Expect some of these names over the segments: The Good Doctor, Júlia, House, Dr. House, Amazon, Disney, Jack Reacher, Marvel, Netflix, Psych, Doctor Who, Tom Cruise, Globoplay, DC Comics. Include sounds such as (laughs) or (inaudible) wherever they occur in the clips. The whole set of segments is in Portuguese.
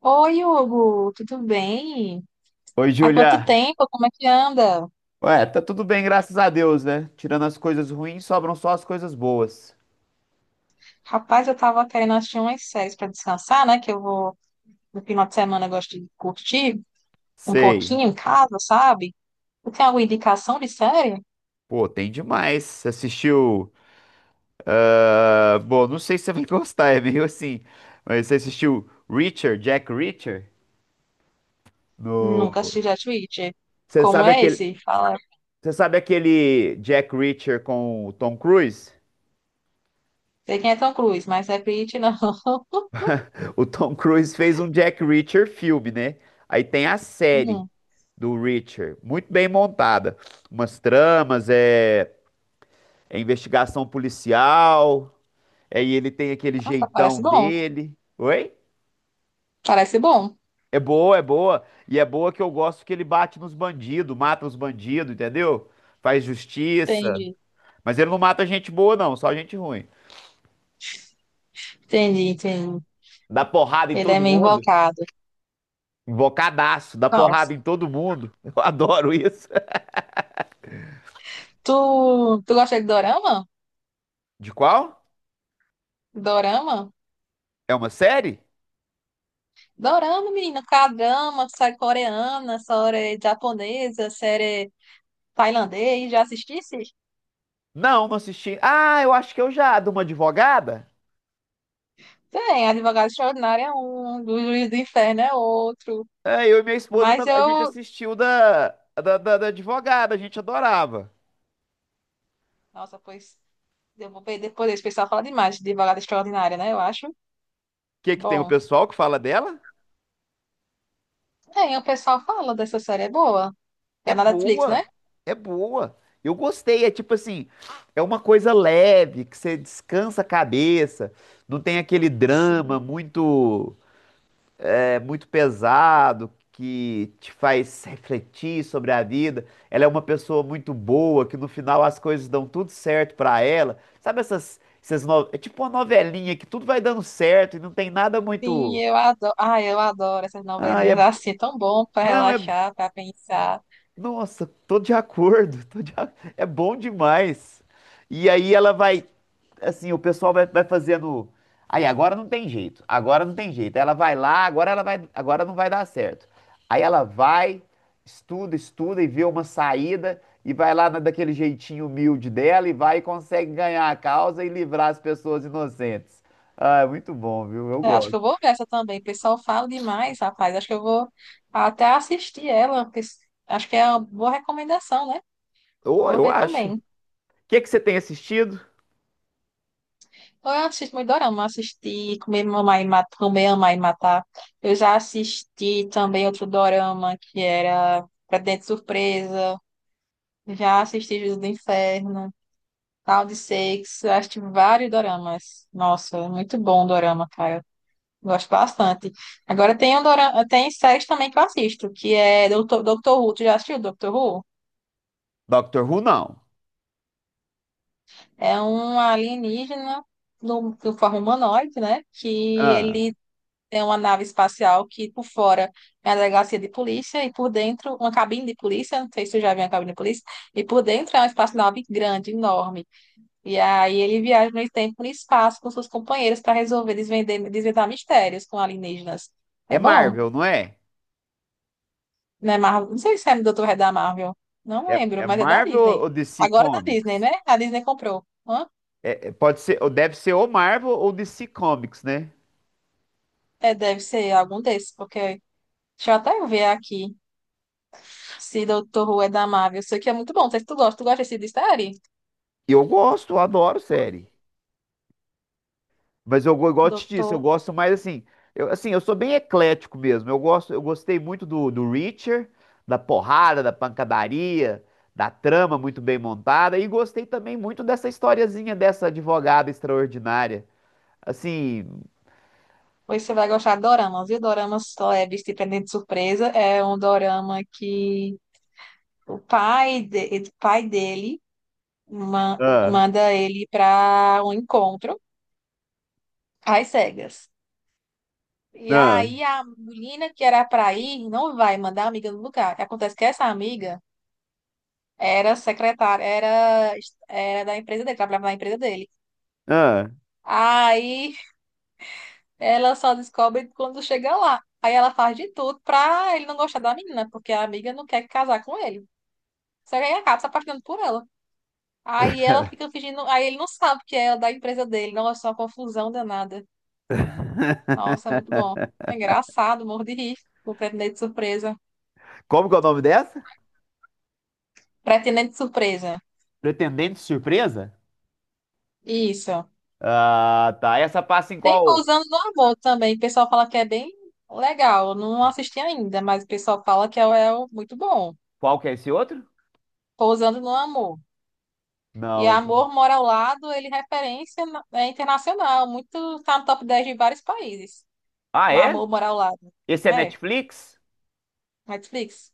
Oi, Hugo, tudo bem? Oi, Há quanto Júlia. tempo? Como é que anda? Ué, tá tudo bem, graças a Deus, né? Tirando as coisas ruins, sobram só as coisas boas. Rapaz, eu tava querendo assistir umas séries para descansar, né? Que eu vou, no final de semana, eu gosto de curtir um Sei. pouquinho em casa, sabe? Tu tem alguma indicação de série? Pô, tem demais. Você assistiu. Bom, não sei se você vai (laughs) gostar, é meio assim. Mas você assistiu Reacher, Jack Reacher? Nunca assisti No. Jet Witch. Você Como sabe é aquele. esse? Fala. Você sabe aquele Jack Reacher com o Tom Cruise? Sei quem é Tom Cruise, mas não é Witch, não. (laughs) O Tom Cruise fez um Jack Reacher filme, né? Aí tem a série Hum, do Reacher, muito bem montada. Umas tramas, é investigação policial. Aí ele tem aquele nossa, jeitão parece bom. dele. Oi? Parece bom. É boa, é boa. E é boa que eu gosto que ele bate nos bandidos, mata os bandidos, entendeu? Faz justiça. Entendi. Mas ele não mata gente boa, não, só gente ruim. Entendi. Dá porrada em Ele é todo meio mundo. invocado. Invocadaço, dá porrada Nossa. em todo mundo. (laughs) Eu adoro isso. Tu gosta de dorama? De qual? Dorama? É uma série? Dorama, menina, K-drama, série coreana, série japonesa, série tailandês, já assistisse? Não, não assisti. Ah, eu acho que eu já, de uma advogada. Tem, Advogado Extraordinário é um, do Juiz do Inferno é outro. É, eu e minha esposa, Mas a gente eu. assistiu da advogada, a gente adorava. Nossa, pois. Eu vou ver depois, esse pessoal fala demais de Advogado Extraordinário, né? Eu acho. Que tem o Bom. pessoal que fala dela? Tem, o pessoal fala dessa série, é boa. É É na Netflix, né? boa, é boa. Eu gostei, é tipo assim, é uma coisa leve, que você descansa a cabeça, não tem aquele drama Sim. muito muito pesado que te faz refletir sobre a vida. Ela é uma pessoa muito boa, que no final as coisas dão tudo certo pra ela. Sabe essas é tipo uma novelinha que tudo vai dando certo e não tem nada Sim, muito, eu adoro. Ai, eu adoro essas ah, novelinhas é, assim, é tão bom pra não é relaxar, pra pensar. Nossa, tô de acordo, (laughs) é bom demais. E aí ela vai, assim, o pessoal vai, vai fazendo. Aí agora não tem jeito, agora não tem jeito. Ela vai lá, agora ela vai, agora não vai dar certo. Aí ela vai, estuda, estuda e vê uma saída e vai daquele jeitinho humilde dela e vai e consegue ganhar a causa e livrar as pessoas inocentes. Ah, é muito bom, viu? Eu Eu acho que gosto. eu vou ver essa também. O pessoal fala demais, rapaz. Acho que eu vou até assistir ela, porque acho que é uma boa recomendação, né? Ou Vou eu ver acho. O também. Que que você tem assistido? Eu assisto muito dorama. Assisti Comer, Mamar e Matar, Comer, Amar e Matar. Eu já assisti também outro dorama que era dentro Surpresa. Já assisti Juízo do Inferno, Tal de Sex. Eu assisti vários doramas. Nossa, muito bom o dorama, cara. Gosto bastante. Agora tem, tem séries também que eu assisto, que é Doutor, Doctor Who. Tu já assistiu Doctor Who? Doctor Who, não. É um alienígena no, de forma humanoide, né? Que Ah. ele é uma nave espacial que por fora é uma delegacia de polícia e por dentro uma cabine de polícia. Não sei se tu já viu uma cabine de polícia. E por dentro é uma espaçonave grande, enorme. E aí ele viaja no tempo e no espaço com seus companheiros para resolver desvendar mistérios com alienígenas. É É bom? Marvel, não é? Né, Marvel? Não sei se é do Dr. Red da Marvel. Não É, lembro, é mas é da Marvel Disney. ou DC Agora é da Disney, Comics? né? A Disney comprou. Hã? Pode ser, ou deve ser ou Marvel ou DC Comics, né? É, deve ser algum desses, porque deixa eu até ver aqui se Dr. Who é da Marvel. Isso aqui é muito bom. Não sei se tu gosta. Tu gosta desse de série? Eu gosto, eu adoro série. Mas igual eu te disse, eu Doutor. gosto mais assim. Eu, assim, eu sou bem eclético mesmo. Eu gosto, eu gostei muito do Reacher, da porrada, da pancadaria, da trama muito bem montada. E gostei também muito dessa historiazinha dessa advogada extraordinária. Assim. Pois você vai gostar de doramas. E o doramas leves de Pendente de Surpresa é um dorama que o pai, de... o pai dele Ah, manda ele para um encontro às cegas. E ah, aí a menina que era para ir não vai mandar a amiga no lugar. O que acontece é que essa amiga era secretária, era da empresa dele, trabalhava na empresa dele. ah. Aí ela só descobre quando chega lá. Aí ela faz de tudo pra ele não gostar da menina, porque a amiga não quer casar com ele. Só que aí acaba se apaixonando por ela. Aí ela fica fingindo, aí ele não sabe que é da empresa dele. Nossa, é uma confusão danada. Nossa, é muito bom. (laughs) É engraçado, morro de rir com o pretendente surpresa. Como que é o nome dessa? Pretendente surpresa. Pretendente Surpresa? Isso. Ah, tá. Essa passa em Tem qual? Pousando no Amor também. O pessoal fala que é bem legal. Eu não assisti ainda, mas o pessoal fala que é muito bom. Qual que é esse outro? Pousando no Amor. E Não. Amor Mora ao Lado, ele é é internacional. Muito, tá no top 10 de vários países. Ah, O é? Amor Mora ao Lado. Esse é É, Netflix? Netflix.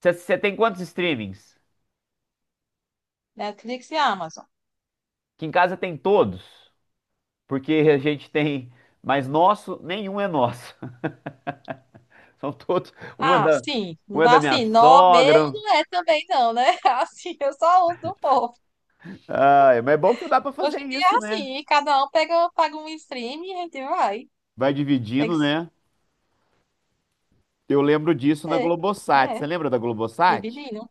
Você tem quantos streamings? Netflix e Amazon. Que em casa tem todos, porque a gente tem, mas nosso, nenhum é nosso. (laughs) São todos, Ah, sim. um é da minha Assim, nó meu sogra. não é também não, né? (laughs) Assim, eu só uso do povo. Ah, mas é bom que dá pra Hoje fazer em dia é isso, né? assim, cada um pega, paga um stream e a gente vai. Vai Tem que. dividindo, né? Eu lembro disso na Sei. Globosat. Você É, lembra da Globosat? dividiram.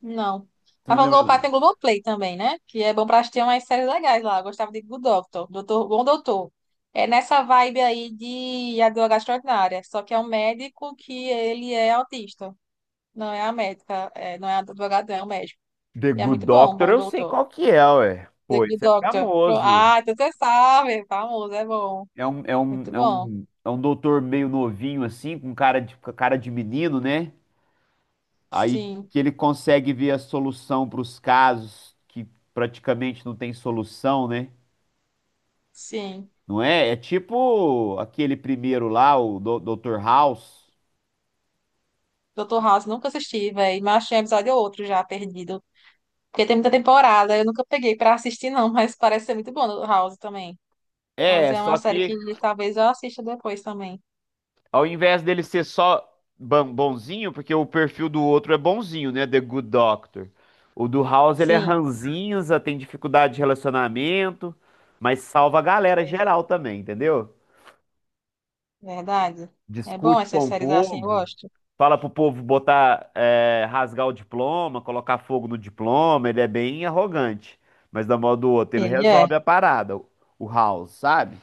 Não. Você A não lembra? Globopar tem Globoplay também, né? Que é bom pra assistir umas séries legais lá. Eu gostava de Good Doctor, Doutor, Bom Doutor. É nessa vibe aí de advogada extraordinária. Só que é um médico que ele é autista. Não é a médica, não é a advogada, é o médico. The E é Good muito bom, Doctor, Bom eu sei Doutor. qual que é, ué. The Pô, Good isso é Doctor. Pro- famoso. Ah, então você sabe. Famoso, é bom. É Muito bom. Um doutor meio novinho, assim, com cara de menino, né? Aí Sim, que ele consegue ver a solução para os casos que praticamente não tem solução, né? sim. Não é? É tipo aquele primeiro lá, o Dr. House. Doutor House, nunca assisti, velho. Mas achei um episódio ou outro já perdido. Porque tem muita temporada, eu nunca peguei pra assistir, não, (laughs) mas parece ser muito bom do House também. House É, é uma só série que que talvez eu assista depois também. ao invés dele ser só bonzinho, porque o perfil do outro é bonzinho, né? The Good Doctor. O do House, ele é Sim, ranzinza, tem dificuldade de relacionamento, mas salva a galera pois geral é, também, entendeu? verdade. É bom Discute essas com o séries assim, eu povo, gosto. fala pro povo botar, é, rasgar o diploma, colocar fogo no diploma, ele é bem arrogante. Mas da modo do outro, ele Ele é, resolve a parada, o House, sabe?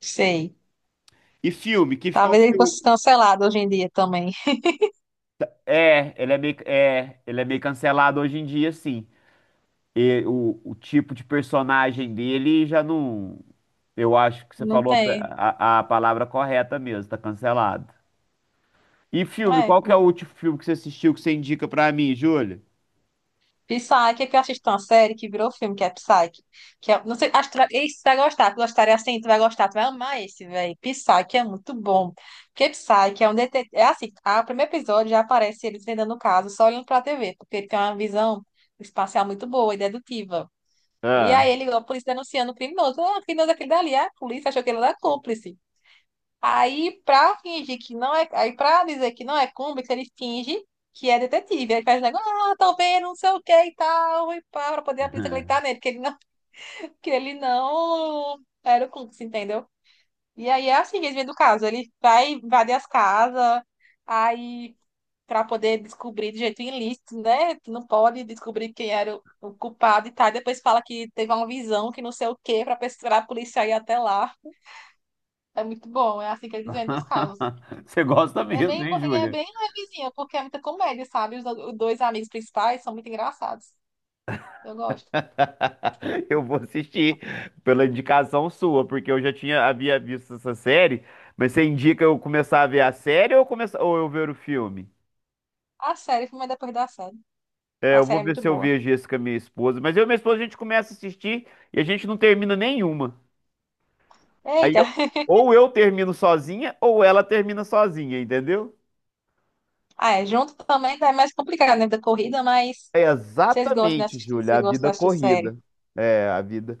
sei. E filme, que, qual Talvez que ele foi fosse o... cancelado hoje em dia também. (laughs) É, ele é meio, é, ele é meio cancelado hoje em dia, sim. O tipo de personagem dele já não. Eu acho que você Não falou tem. A palavra correta mesmo, tá cancelado. E filme, É, qual que é o último filme que você assistiu que você indica pra mim, Júlia? Psyche, é que eu assisto uma série que virou filme, que é Psyche. Que é, não sei, acho que tu vai, esse tu vai gostar, tu gostaria assim, tu vai gostar, tu vai amar esse, velho. Psyche é muito bom. Porque Psyche é um detetive. É assim, a, o primeiro episódio já aparece ele desvendando o caso, só olhando pra TV, porque ele tem uma visão espacial muito boa e dedutiva. E Ah. aí ele, a polícia denunciando o criminoso. Ah, o criminoso é aquele dali, ah, a polícia achou que ele era cúmplice. Aí, pra fingir que não é. Aí, pra dizer que não é cúmplice, ele finge que é detetive. Aí faz negócio, ah, tô vendo, não sei o que e tal, e pá, pra poder a polícia acreditar (laughs) nele, que ele não, (laughs) que ele não era o cúmplice, entendeu? E aí é assim que eles vêm do caso. Ele vai invadir as casas, aí, pra poder descobrir de jeito ilícito, né? Tu não pode descobrir quem era o culpado e tal. E depois fala que teve uma visão, que não sei o que pra, pra polícia ir até lá. É muito bom, é assim que eles vêm dos casos. Você gosta mesmo, hein, E é Júlia? bem levezinha, porque é muita comédia, sabe? Os, os dois amigos principais são muito engraçados. Eu gosto. (laughs) Eu vou assistir pela indicação sua, porque eu já tinha havia visto essa série, mas você indica eu começar a ver a série ou, começar, ou eu ver o filme? A série, filme é depois da série. É, A eu série vou é ver muito se eu boa. vejo esse com a minha esposa. Mas eu e minha esposa, a gente começa a assistir e a gente não termina nenhuma. Aí, Eita! eu- (laughs) ou eu termino sozinha, ou ela termina sozinha, entendeu? Ah, é, junto também tá mais complicado, né? Da corrida, mas É vocês gostam de exatamente, assistir, Júlia, vocês a gostam de vida assistir série. corrida. É, a vida.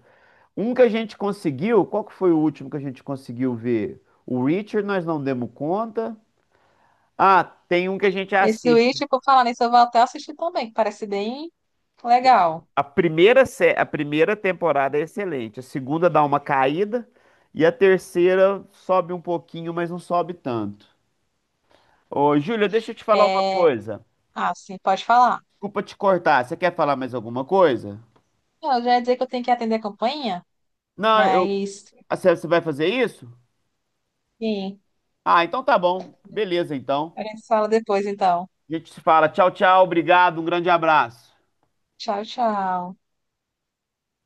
Um que a gente conseguiu, qual que foi o último que a gente conseguiu ver? O Richard, nós não demos conta. Ah, tem um que a gente Esse assiste. Witch, por falar nisso, eu vou até assistir também, que parece bem legal. A primeira temporada é excelente, a segunda dá uma caída e a terceira sobe um pouquinho, mas não sobe tanto. Ô, Júlia, deixa eu te falar uma É... coisa. Ah, sim, pode falar. Desculpa te cortar. Você quer falar mais alguma coisa? Não, eu já ia dizer que eu tenho que atender a campainha, Não, eu. mas, Ah, você vai fazer isso? enfim, Ah, então tá bom. Beleza, então. a gente fala depois, então. A gente se fala. Tchau, tchau. Obrigado. Um grande abraço. Tchau, tchau.